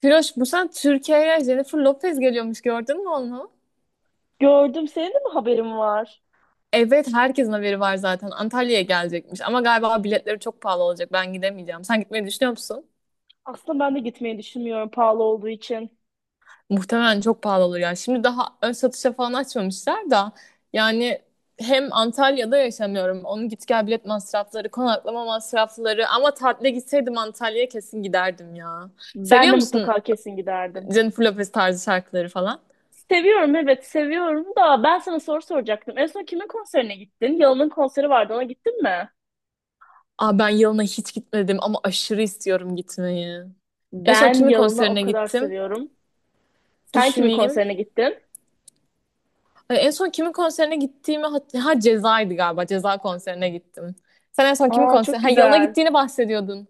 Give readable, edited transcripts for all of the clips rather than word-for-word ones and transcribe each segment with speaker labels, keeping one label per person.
Speaker 1: Firoş, bu sene Türkiye'ye Jennifer Lopez geliyormuş, gördün mü onu?
Speaker 2: Gördüm. Senin de mi haberin var?
Speaker 1: Evet, herkesin haberi var zaten. Antalya'ya gelecekmiş ama galiba biletleri çok pahalı olacak. Ben gidemeyeceğim. Sen gitmeyi düşünüyor musun?
Speaker 2: Aslında ben de gitmeyi düşünmüyorum pahalı olduğu için.
Speaker 1: Muhtemelen çok pahalı olur ya. Şimdi daha ön satışa falan açmamışlar da yani hem Antalya'da yaşamıyorum. Onun git gel bilet masrafları, konaklama masrafları ama tatile gitseydim Antalya'ya kesin giderdim ya.
Speaker 2: Ben
Speaker 1: Seviyor
Speaker 2: de
Speaker 1: musun
Speaker 2: mutlaka kesin giderdim.
Speaker 1: Jennifer Lopez tarzı şarkıları falan?
Speaker 2: Seviyorum, evet, seviyorum da ben sana soru soracaktım. En son kimin konserine gittin? Yalın'ın konseri vardı, ona gittin mi?
Speaker 1: Aa, ben yılına hiç gitmedim ama aşırı istiyorum gitmeyi. En son
Speaker 2: Ben
Speaker 1: kimin
Speaker 2: Yalın'ı o
Speaker 1: konserine
Speaker 2: kadar
Speaker 1: gittim?
Speaker 2: seviyorum. Sen kimin
Speaker 1: Düşüneyim.
Speaker 2: konserine gittin?
Speaker 1: Ay, en son kimin konserine gittiğimi ha, Ceza'ydı galiba. Ceza konserine gittim. Sen en son kimin
Speaker 2: Aa,
Speaker 1: konser
Speaker 2: çok
Speaker 1: ha yılına
Speaker 2: güzel.
Speaker 1: gittiğini bahsediyordun.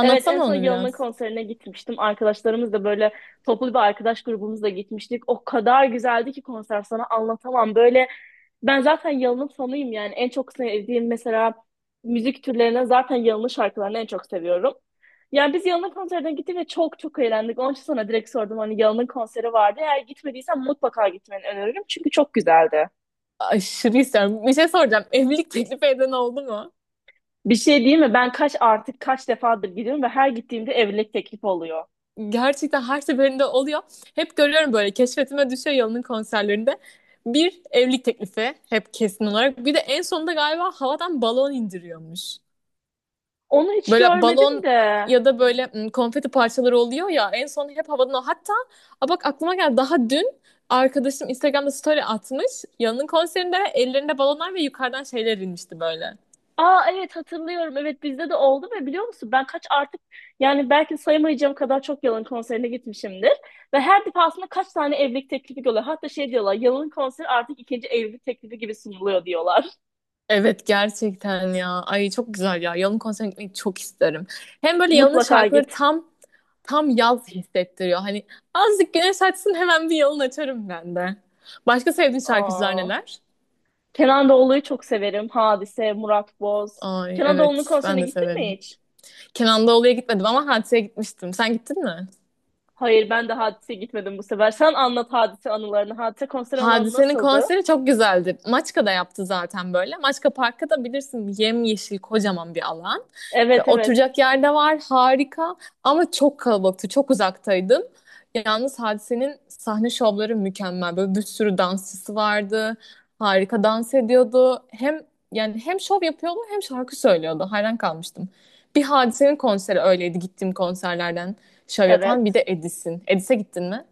Speaker 2: Evet, en son
Speaker 1: onu
Speaker 2: Yılan'ın
Speaker 1: biraz.
Speaker 2: konserine gitmiştim. Arkadaşlarımız da böyle toplu bir arkadaş grubumuzla gitmiştik. O kadar güzeldi ki konser, sana anlatamam. Böyle, ben zaten Yılan'ın fanıyım yani. En çok sevdiğim mesela müzik türlerine zaten Yılan'ın şarkılarını en çok seviyorum. Yani biz Yılan'ın konserine gittik ve çok eğlendik. Onun için sana direkt sordum, hani Yılan'ın konseri vardı. Eğer gitmediysen mutlaka gitmeni öneririm. Çünkü çok güzeldi.
Speaker 1: Aşırı istiyorum. Bir şey soracağım. Evlilik teklifi eden oldu mu?
Speaker 2: Bir şey değil mi? Ben kaç artık, kaç defadır gidiyorum ve her gittiğimde evlilik teklif oluyor.
Speaker 1: Gerçekten her seferinde oluyor. Hep görüyorum, böyle keşfetime düşüyor Yalın'ın konserlerinde. Bir evlilik teklifi hep kesin olarak. Bir de en sonunda galiba havadan balon indiriyormuş.
Speaker 2: Onu hiç
Speaker 1: Böyle
Speaker 2: görmedim
Speaker 1: balon
Speaker 2: de.
Speaker 1: ya da böyle konfeti parçaları oluyor ya en son hep havadan o. Hatta a bak, aklıma geldi, daha dün arkadaşım Instagram'da story atmış. Yanın konserinde ellerinde balonlar ve yukarıdan şeyler inmişti böyle.
Speaker 2: Aa, evet, hatırlıyorum. Evet, bizde de oldu ve biliyor musun, ben kaç artık, yani belki sayamayacağım kadar çok Yalın konserine gitmişimdir. Ve her defasında kaç tane evlilik teklifi görüyorlar. Hatta şey diyorlar, Yalın konseri artık ikinci evlilik teklifi gibi sunuluyor diyorlar.
Speaker 1: Evet, gerçekten ya. Ay, çok güzel ya. Yalın konserine gitmeyi çok isterim. Hem böyle Yalın'ın
Speaker 2: Mutlaka
Speaker 1: şarkıları
Speaker 2: git.
Speaker 1: tam yaz hissettiriyor. Hani azıcık güneş açsın, hemen bir Yalın açarım ben de. Başka sevdiğin şarkıcılar
Speaker 2: Aa,
Speaker 1: neler?
Speaker 2: Kenan Doğulu'yu çok severim. Hadise, Murat Boz.
Speaker 1: Ay
Speaker 2: Kenan Doğulu'nun
Speaker 1: evet,
Speaker 2: konserine
Speaker 1: ben de
Speaker 2: gittin mi
Speaker 1: severim.
Speaker 2: hiç?
Speaker 1: Kenan Doğulu'ya gitmedim ama Hatice'ye gitmiştim. Sen gittin mi?
Speaker 2: Hayır, ben de Hadise'ye gitmedim bu sefer. Sen anlat Hadise anılarını. Hadise konser alanı
Speaker 1: Hadise'nin
Speaker 2: nasıldı?
Speaker 1: konseri çok güzeldi. Maçka'da yaptı zaten böyle. Maçka Park'ta da bilirsin, yemyeşil kocaman bir alan. Ve
Speaker 2: Evet, evet.
Speaker 1: oturacak yerde var, harika ama çok kalabalıktı, çok uzaktaydım. Yalnız Hadise'nin sahne şovları mükemmel. Böyle bir sürü dansçısı vardı. Harika dans ediyordu. Hem yani hem şov yapıyordu hem şarkı söylüyordu. Hayran kalmıştım. Bir Hadise'nin konseri öyleydi gittiğim konserlerden şov yapan. Bir
Speaker 2: Evet.
Speaker 1: de Edis'in. Edis'e gittin mi?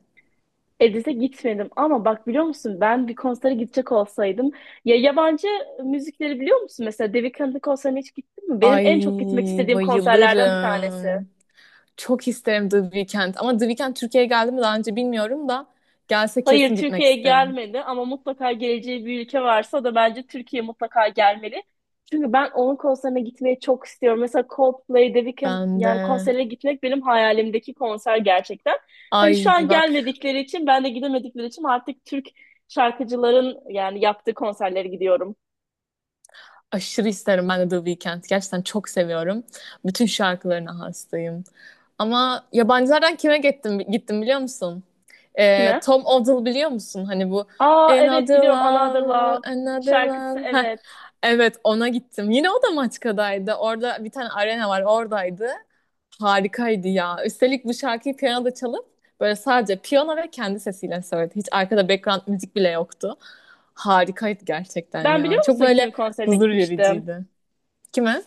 Speaker 2: Edis'e gitmedim ama bak, biliyor musun, ben bir konsere gidecek olsaydım, ya, yabancı müzikleri biliyor musun? Mesela David Weeknd'in konserine hiç gittin mi? Benim
Speaker 1: Ay,
Speaker 2: en çok gitmek istediğim konserlerden bir tanesi.
Speaker 1: bayılırım. Çok isterim The Weeknd. Ama The Weeknd Türkiye'ye geldi mi daha önce bilmiyorum da, gelse
Speaker 2: Hayır,
Speaker 1: kesin gitmek
Speaker 2: Türkiye'ye
Speaker 1: isterim.
Speaker 2: gelmedi ama mutlaka geleceği bir ülke varsa o da bence Türkiye, mutlaka gelmeli. Çünkü ben onun konserine gitmeyi çok istiyorum. Mesela Coldplay, The Weeknd
Speaker 1: Ben
Speaker 2: yani
Speaker 1: de.
Speaker 2: konserine gitmek benim hayalimdeki konser gerçekten. Hani şu
Speaker 1: Ay
Speaker 2: an
Speaker 1: bak,
Speaker 2: gelmedikleri için, ben de gidemedikleri için artık Türk şarkıcıların yani yaptığı konserlere gidiyorum.
Speaker 1: aşırı isterim ben de The Weeknd. Gerçekten çok seviyorum. Bütün şarkılarına hastayım. Ama yabancılardan kime gittim, gittim biliyor musun?
Speaker 2: Kime?
Speaker 1: Tom Odell biliyor musun? Hani bu
Speaker 2: Aa, evet,
Speaker 1: Another
Speaker 2: biliyorum, Another
Speaker 1: Love,
Speaker 2: Love
Speaker 1: Another
Speaker 2: şarkısı,
Speaker 1: Love. Heh.
Speaker 2: evet.
Speaker 1: Evet, ona gittim. Yine o da Maçka'daydı. Orada bir tane arena var, oradaydı. Harikaydı ya. Üstelik bu şarkıyı piyanoda çalıp böyle sadece piyano ve kendi sesiyle söyledi. Hiç arkada background müzik bile yoktu. Harikaydı gerçekten
Speaker 2: Ben,
Speaker 1: ya.
Speaker 2: biliyor
Speaker 1: Çok
Speaker 2: musun, kimin
Speaker 1: böyle
Speaker 2: konserine
Speaker 1: huzur
Speaker 2: gitmiştim?
Speaker 1: vericiydi. Kime?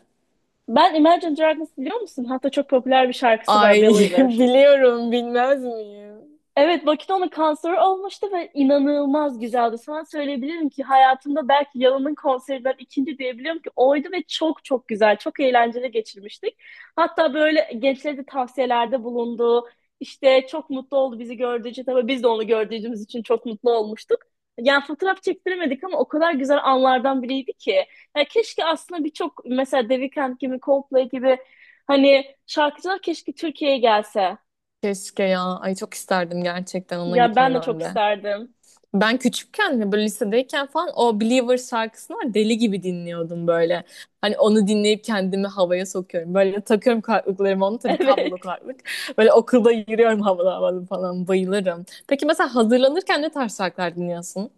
Speaker 2: Ben Imagine Dragons, biliyor musun? Hatta çok popüler bir şarkısı var,
Speaker 1: Ay,
Speaker 2: Believer.
Speaker 1: biliyorum, bilmez miyim?
Speaker 2: Evet, Bakito'nun kanseri olmuştu ve inanılmaz güzeldi. Sana söyleyebilirim ki hayatımda belki Yalın'ın konserinden ikinci diyebiliyorum ki oydu ve çok çok güzel, çok eğlenceli geçirmiştik. Hatta böyle gençlere de tavsiyelerde bulundu. İşte çok mutlu oldu bizi gördüğü için. Tabii biz de onu gördüğümüz için çok mutlu olmuştuk. Yani fotoğraf çektiremedik ama o kadar güzel anlardan biriydi ki. Yani keşke aslında birçok mesela The Weeknd gibi, Coldplay gibi hani şarkıcılar keşke Türkiye'ye gelse.
Speaker 1: Keşke ya. Ay çok isterdim gerçekten ona
Speaker 2: Ya ben
Speaker 1: gitmeyi
Speaker 2: de çok
Speaker 1: ben de.
Speaker 2: isterdim.
Speaker 1: Ben küçükken hani böyle lisedeyken falan o Believer şarkısını var, deli gibi dinliyordum böyle. Hani onu dinleyip kendimi havaya sokuyorum. Böyle takıyorum kulaklıklarımı, onu tabii, kablolu
Speaker 2: Evet.
Speaker 1: kulaklık. Böyle okulda yürüyorum havalı havalı falan, bayılırım. Peki mesela hazırlanırken ne tarz şarkılar dinliyorsun?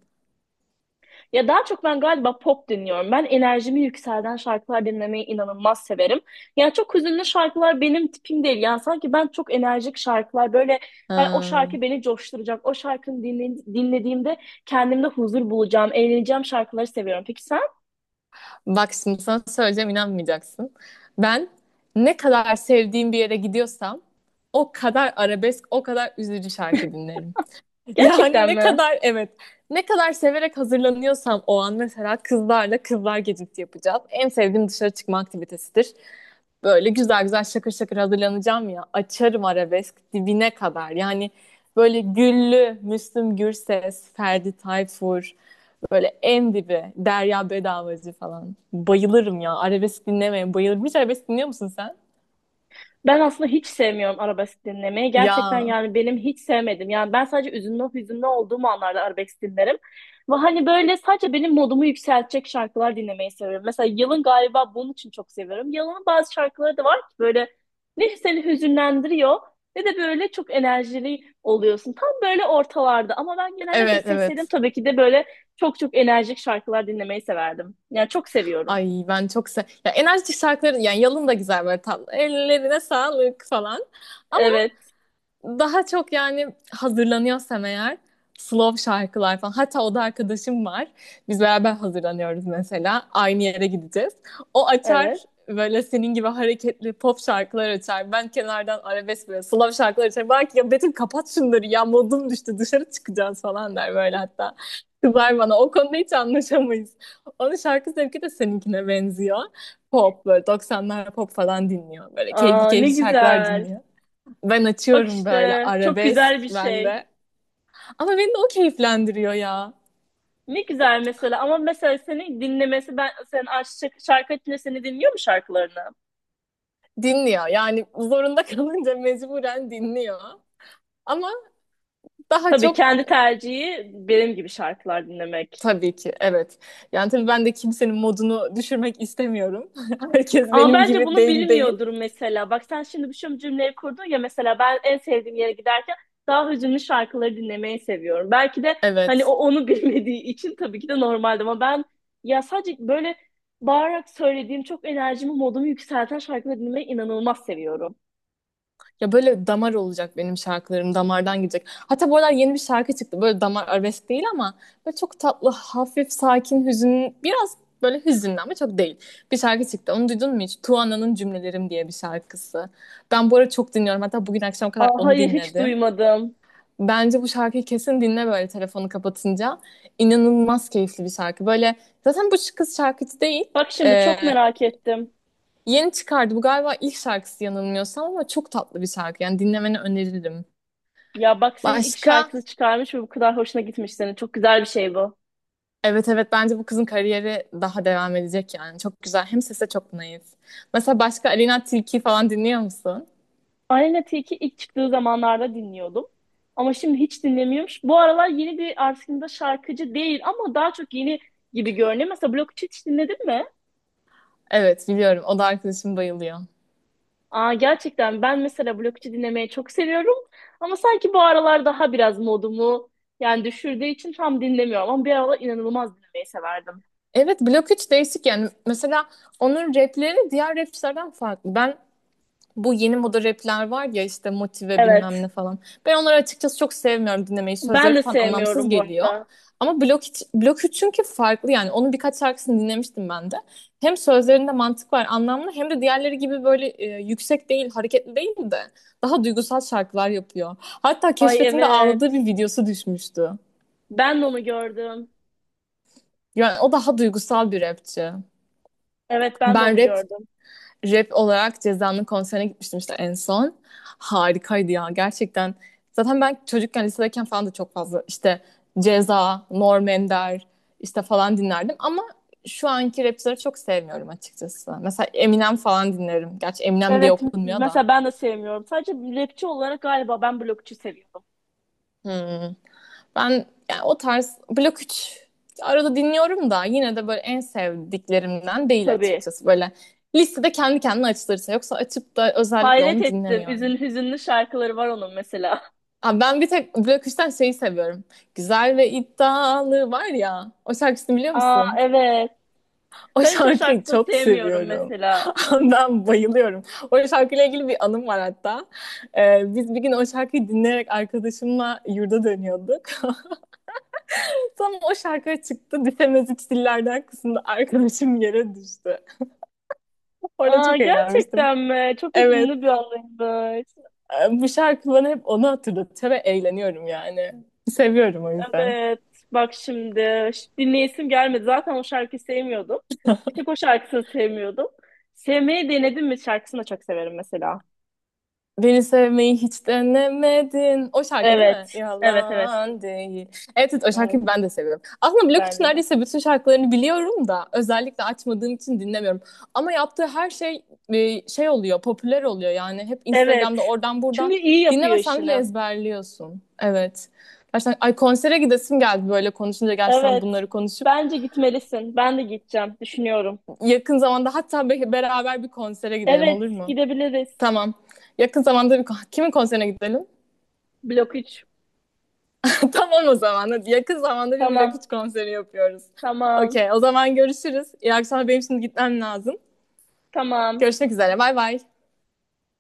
Speaker 2: Ya daha çok ben galiba pop dinliyorum. Ben enerjimi yükselten şarkılar dinlemeyi inanılmaz severim. Yani çok hüzünlü şarkılar benim tipim değil. Yani sanki ben çok enerjik şarkılar, böyle hani, o
Speaker 1: Ha,
Speaker 2: şarkı beni coşturacak. O şarkını dinlediğimde kendimde huzur bulacağım, eğleneceğim şarkıları seviyorum. Peki sen?
Speaker 1: bak şimdi sana söyleyeceğim, inanmayacaksın. Ben ne kadar sevdiğim bir yere gidiyorsam o kadar arabesk, o kadar üzücü şarkı dinlerim. Yani
Speaker 2: Gerçekten
Speaker 1: ne
Speaker 2: mi?
Speaker 1: kadar evet, ne kadar severek hazırlanıyorsam o an, mesela kızlarla kızlar gecesi yapacağız. En sevdiğim dışarı çıkma aktivitesidir. Böyle güzel güzel şakır şakır hazırlanacağım ya, açarım arabesk dibine kadar. Yani böyle Güllü, Müslüm Gürses, Ferdi Tayfur, böyle en dibi Derya Bedavacı falan. Bayılırım ya, arabesk dinlemeye bayılırım. Hiç arabesk dinliyor musun sen?
Speaker 2: Ben aslında hiç sevmiyorum arabesk dinlemeyi. Gerçekten
Speaker 1: Ya
Speaker 2: yani benim, hiç sevmedim. Yani ben sadece üzünlü, hüzünlü olduğum anlarda arabesk dinlerim. Ve hani böyle sadece benim modumu yükseltecek şarkılar dinlemeyi seviyorum. Mesela Yıl'ın galiba bunun için çok seviyorum. Yıl'ın bazı şarkıları da var ki böyle ne seni hüzünlendiriyor ne de böyle çok enerjili oluyorsun. Tam böyle ortalarda ama ben genellikle
Speaker 1: evet,
Speaker 2: seçseydim
Speaker 1: evet.
Speaker 2: tabii ki de böyle çok enerjik şarkılar dinlemeyi severdim. Yani çok seviyorum.
Speaker 1: Ay, ben çok se, ya enerjik şarkıları, yani Yalın da güzel böyle, tatlı. Ellerine sağlık falan,
Speaker 2: Evet,
Speaker 1: daha çok yani hazırlanıyorsam eğer slow şarkılar falan. Hatta o da arkadaşım var. Biz beraber hazırlanıyoruz mesela. Aynı yere gideceğiz. O açar
Speaker 2: evet.
Speaker 1: böyle senin gibi hareketli pop şarkılar açar. Ben kenardan arabesk, böyle slow şarkılar açar. Belki ya Betül kapat şunları ya, modum düştü, dışarı çıkacağız falan der böyle, hatta. Kızar bana, o konuda hiç anlaşamayız. Onun şarkı zevki de seninkine benziyor. Pop, böyle 90'lar pop falan dinliyor. Böyle keyifli
Speaker 2: Aa, ne
Speaker 1: keyifli şarkılar
Speaker 2: güzel.
Speaker 1: dinliyor. Ben
Speaker 2: Bak
Speaker 1: açıyorum böyle
Speaker 2: işte, çok
Speaker 1: arabesk
Speaker 2: güzel bir şey.
Speaker 1: bende. Ama beni de o keyiflendiriyor ya.
Speaker 2: Ne güzel mesela, ama mesela seni dinlemesi, ben sen aşçı şarkı açınca seni dinliyor mu şarkılarını?
Speaker 1: Dinliyor. Yani zorunda kalınca mecburen dinliyor. Ama daha
Speaker 2: Tabii
Speaker 1: çok,
Speaker 2: kendi tercihi benim gibi şarkılar dinlemek.
Speaker 1: tabii ki evet. Yani tabii ben de kimsenin modunu düşürmek istemiyorum. Herkes
Speaker 2: Ama
Speaker 1: benim
Speaker 2: bence
Speaker 1: gibi
Speaker 2: bunu
Speaker 1: değil.
Speaker 2: bilmiyordur mesela. Bak sen şimdi bir şu cümleyi kurdun ya, mesela ben en sevdiğim yere giderken daha hüzünlü şarkıları dinlemeyi seviyorum. Belki de hani o
Speaker 1: Evet.
Speaker 2: onu bilmediği için tabii ki de normaldi ama ben ya sadece böyle bağırarak söylediğim çok enerjimi, modumu yükselten şarkıları dinlemeyi inanılmaz seviyorum.
Speaker 1: Ya böyle damar olacak benim şarkılarım. Damardan gidecek. Hatta bu aralar yeni bir şarkı çıktı. Böyle damar arabesk değil ama böyle çok tatlı, hafif, sakin, hüzün. Biraz böyle hüzünlü ama çok değil. Bir şarkı çıktı. Onu duydun mu hiç? Tuana'nın Cümlelerim diye bir şarkısı. Ben bu ara çok dinliyorum. Hatta bugün akşam kadar
Speaker 2: Aa,
Speaker 1: onu
Speaker 2: hayır, hiç
Speaker 1: dinledim.
Speaker 2: duymadım.
Speaker 1: Bence bu şarkıyı kesin dinle böyle telefonu kapatınca. İnanılmaz keyifli bir şarkı. Böyle zaten bu kız şarkıcı değil.
Speaker 2: Bak şimdi,
Speaker 1: Ee,
Speaker 2: çok merak ettim.
Speaker 1: Yeni çıkardı. Bu galiba ilk şarkısı yanılmıyorsam ama çok tatlı bir şarkı. Yani dinlemeni öneririm.
Speaker 2: Ya bak, senin ilk
Speaker 1: Başka?
Speaker 2: şarkını çıkarmış ve bu kadar hoşuna gitmiş senin. Çok güzel bir şey bu.
Speaker 1: Evet, evet, bence bu kızın kariyeri daha devam edecek yani. Çok güzel. Hem sese çok naif. Mesela başka Alina Tilki falan dinliyor musun?
Speaker 2: Aleyna Tilki ilk çıktığı zamanlarda dinliyordum. Ama şimdi hiç dinlemiyormuş. Bu aralar yeni bir aslında şarkıcı değil ama daha çok yeni gibi görünüyor. Mesela Blok 3 hiç dinledin mi?
Speaker 1: Evet, biliyorum. O da arkadaşım bayılıyor.
Speaker 2: Aa, gerçekten, ben mesela Blok 3'ü dinlemeyi çok seviyorum. Ama sanki bu aralar daha biraz modumu yani düşürdüğü için tam dinlemiyorum. Ama bir aralar inanılmaz dinlemeyi severdim.
Speaker 1: Evet, Blok 3 değişik yani. Mesela onun rapleri diğer rapçilerden farklı. Ben bu yeni moda rapler var ya, işte motive bilmem
Speaker 2: Evet.
Speaker 1: ne falan. Ben onları açıkçası çok sevmiyorum dinlemeyi. Sözleri
Speaker 2: Ben de
Speaker 1: falan anlamsız
Speaker 2: sevmiyorum bu
Speaker 1: geliyor.
Speaker 2: arada.
Speaker 1: Ama Blok 3 çünkü farklı yani. Onun birkaç şarkısını dinlemiştim ben de. Hem sözlerinde mantık var, anlamlı, hem de diğerleri gibi böyle yüksek değil, hareketli değil de daha duygusal şarkılar yapıyor. Hatta
Speaker 2: Ay,
Speaker 1: keşfetimde ağladığı bir
Speaker 2: evet.
Speaker 1: videosu düşmüştü.
Speaker 2: Ben de onu gördüm.
Speaker 1: Yani o daha duygusal bir rapçi.
Speaker 2: Evet, ben de
Speaker 1: Ben
Speaker 2: onu
Speaker 1: rap
Speaker 2: gördüm.
Speaker 1: Rap olarak Ceza'nın konserine gitmiştim işte en son. Harikaydı ya gerçekten. Zaten ben çocukken lisedeyken falan da çok fazla işte Ceza, Norm Ender işte falan dinlerdim ama şu anki rapçileri çok sevmiyorum açıkçası. Mesela Eminem falan dinlerim. Gerçi Eminem diye
Speaker 2: Evet,
Speaker 1: okunmuyor da.
Speaker 2: mesela ben de sevmiyorum. Sadece rapçi olarak galiba ben Blokçu seviyorum.
Speaker 1: Hmm. Ben yani o tarz Blok 3 arada dinliyorum da yine de böyle en sevdiklerimden değil
Speaker 2: Tabii.
Speaker 1: açıkçası. Böyle listede kendi kendine açılırsa, yoksa açıp da özellikle
Speaker 2: Hayret
Speaker 1: onu
Speaker 2: ettim.
Speaker 1: dinlemiyorum.
Speaker 2: Üzün, hüzünlü şarkıları var onun mesela.
Speaker 1: Abi ben bir tek Blok üçten şeyi seviyorum. Güzel ve iddialı var ya. O şarkısını biliyor
Speaker 2: Aa,
Speaker 1: musun?
Speaker 2: evet.
Speaker 1: O
Speaker 2: Ben hiç o
Speaker 1: şarkıyı
Speaker 2: şarkısını
Speaker 1: çok
Speaker 2: sevmiyorum
Speaker 1: seviyorum.
Speaker 2: mesela.
Speaker 1: Ben bayılıyorum. O şarkıyla ilgili bir anım var hatta. Biz bir gün o şarkıyı dinleyerek arkadaşımla yurda dönüyorduk. Tam o şarkı çıktı. Bitemez üç dillerden kısımda arkadaşım yere düştü. Orada
Speaker 2: Aa,
Speaker 1: çok eğlenmiştim.
Speaker 2: gerçekten mi? Çok hüzünlü bir
Speaker 1: Evet.
Speaker 2: anıymış.
Speaker 1: Bu şarkı bana hep onu hatırlatıyor ve eğleniyorum yani. Seviyorum o yüzden.
Speaker 2: Evet. Bak şimdi. Dinleyesim gelmedi. Zaten o şarkıyı sevmiyordum. Bir tek o şarkısını sevmiyordum. Sevmeyi denedim mi şarkısını da çok severim mesela.
Speaker 1: Beni sevmeyi hiç denemedin. O şarkı değil mi?
Speaker 2: Evet. Evet, evet.
Speaker 1: Yalan değil. Evet, evet, o
Speaker 2: Evet.
Speaker 1: şarkıyı ben de seviyorum. Aslında Blok için
Speaker 2: Bence de.
Speaker 1: neredeyse bütün şarkılarını biliyorum da özellikle açmadığım için dinlemiyorum. Ama yaptığı her şey şey oluyor, popüler oluyor yani. Hep Instagram'da
Speaker 2: Evet.
Speaker 1: oradan buradan
Speaker 2: Çünkü iyi yapıyor
Speaker 1: dinlemesen bile
Speaker 2: işini.
Speaker 1: ezberliyorsun. Evet. Gerçekten ay, konsere gidesim geldi böyle konuşunca, gerçekten
Speaker 2: Evet.
Speaker 1: bunları konuşup.
Speaker 2: Bence gitmelisin. Ben de gideceğim. Düşünüyorum.
Speaker 1: Yakın zamanda hatta beraber bir konsere gidelim, olur
Speaker 2: Evet.
Speaker 1: mu?
Speaker 2: Gidebiliriz.
Speaker 1: Tamam. Yakın zamanda bir kimin konserine gidelim?
Speaker 2: Blok 3.
Speaker 1: Tamam, o zaman. Yakın zamanda bir Blok
Speaker 2: Tamam.
Speaker 1: 3 konseri yapıyoruz.
Speaker 2: Tamam.
Speaker 1: Okey, o zaman görüşürüz. İyi akşamlar. Benim şimdi gitmem lazım.
Speaker 2: Tamam.
Speaker 1: Görüşmek üzere. Bay bay.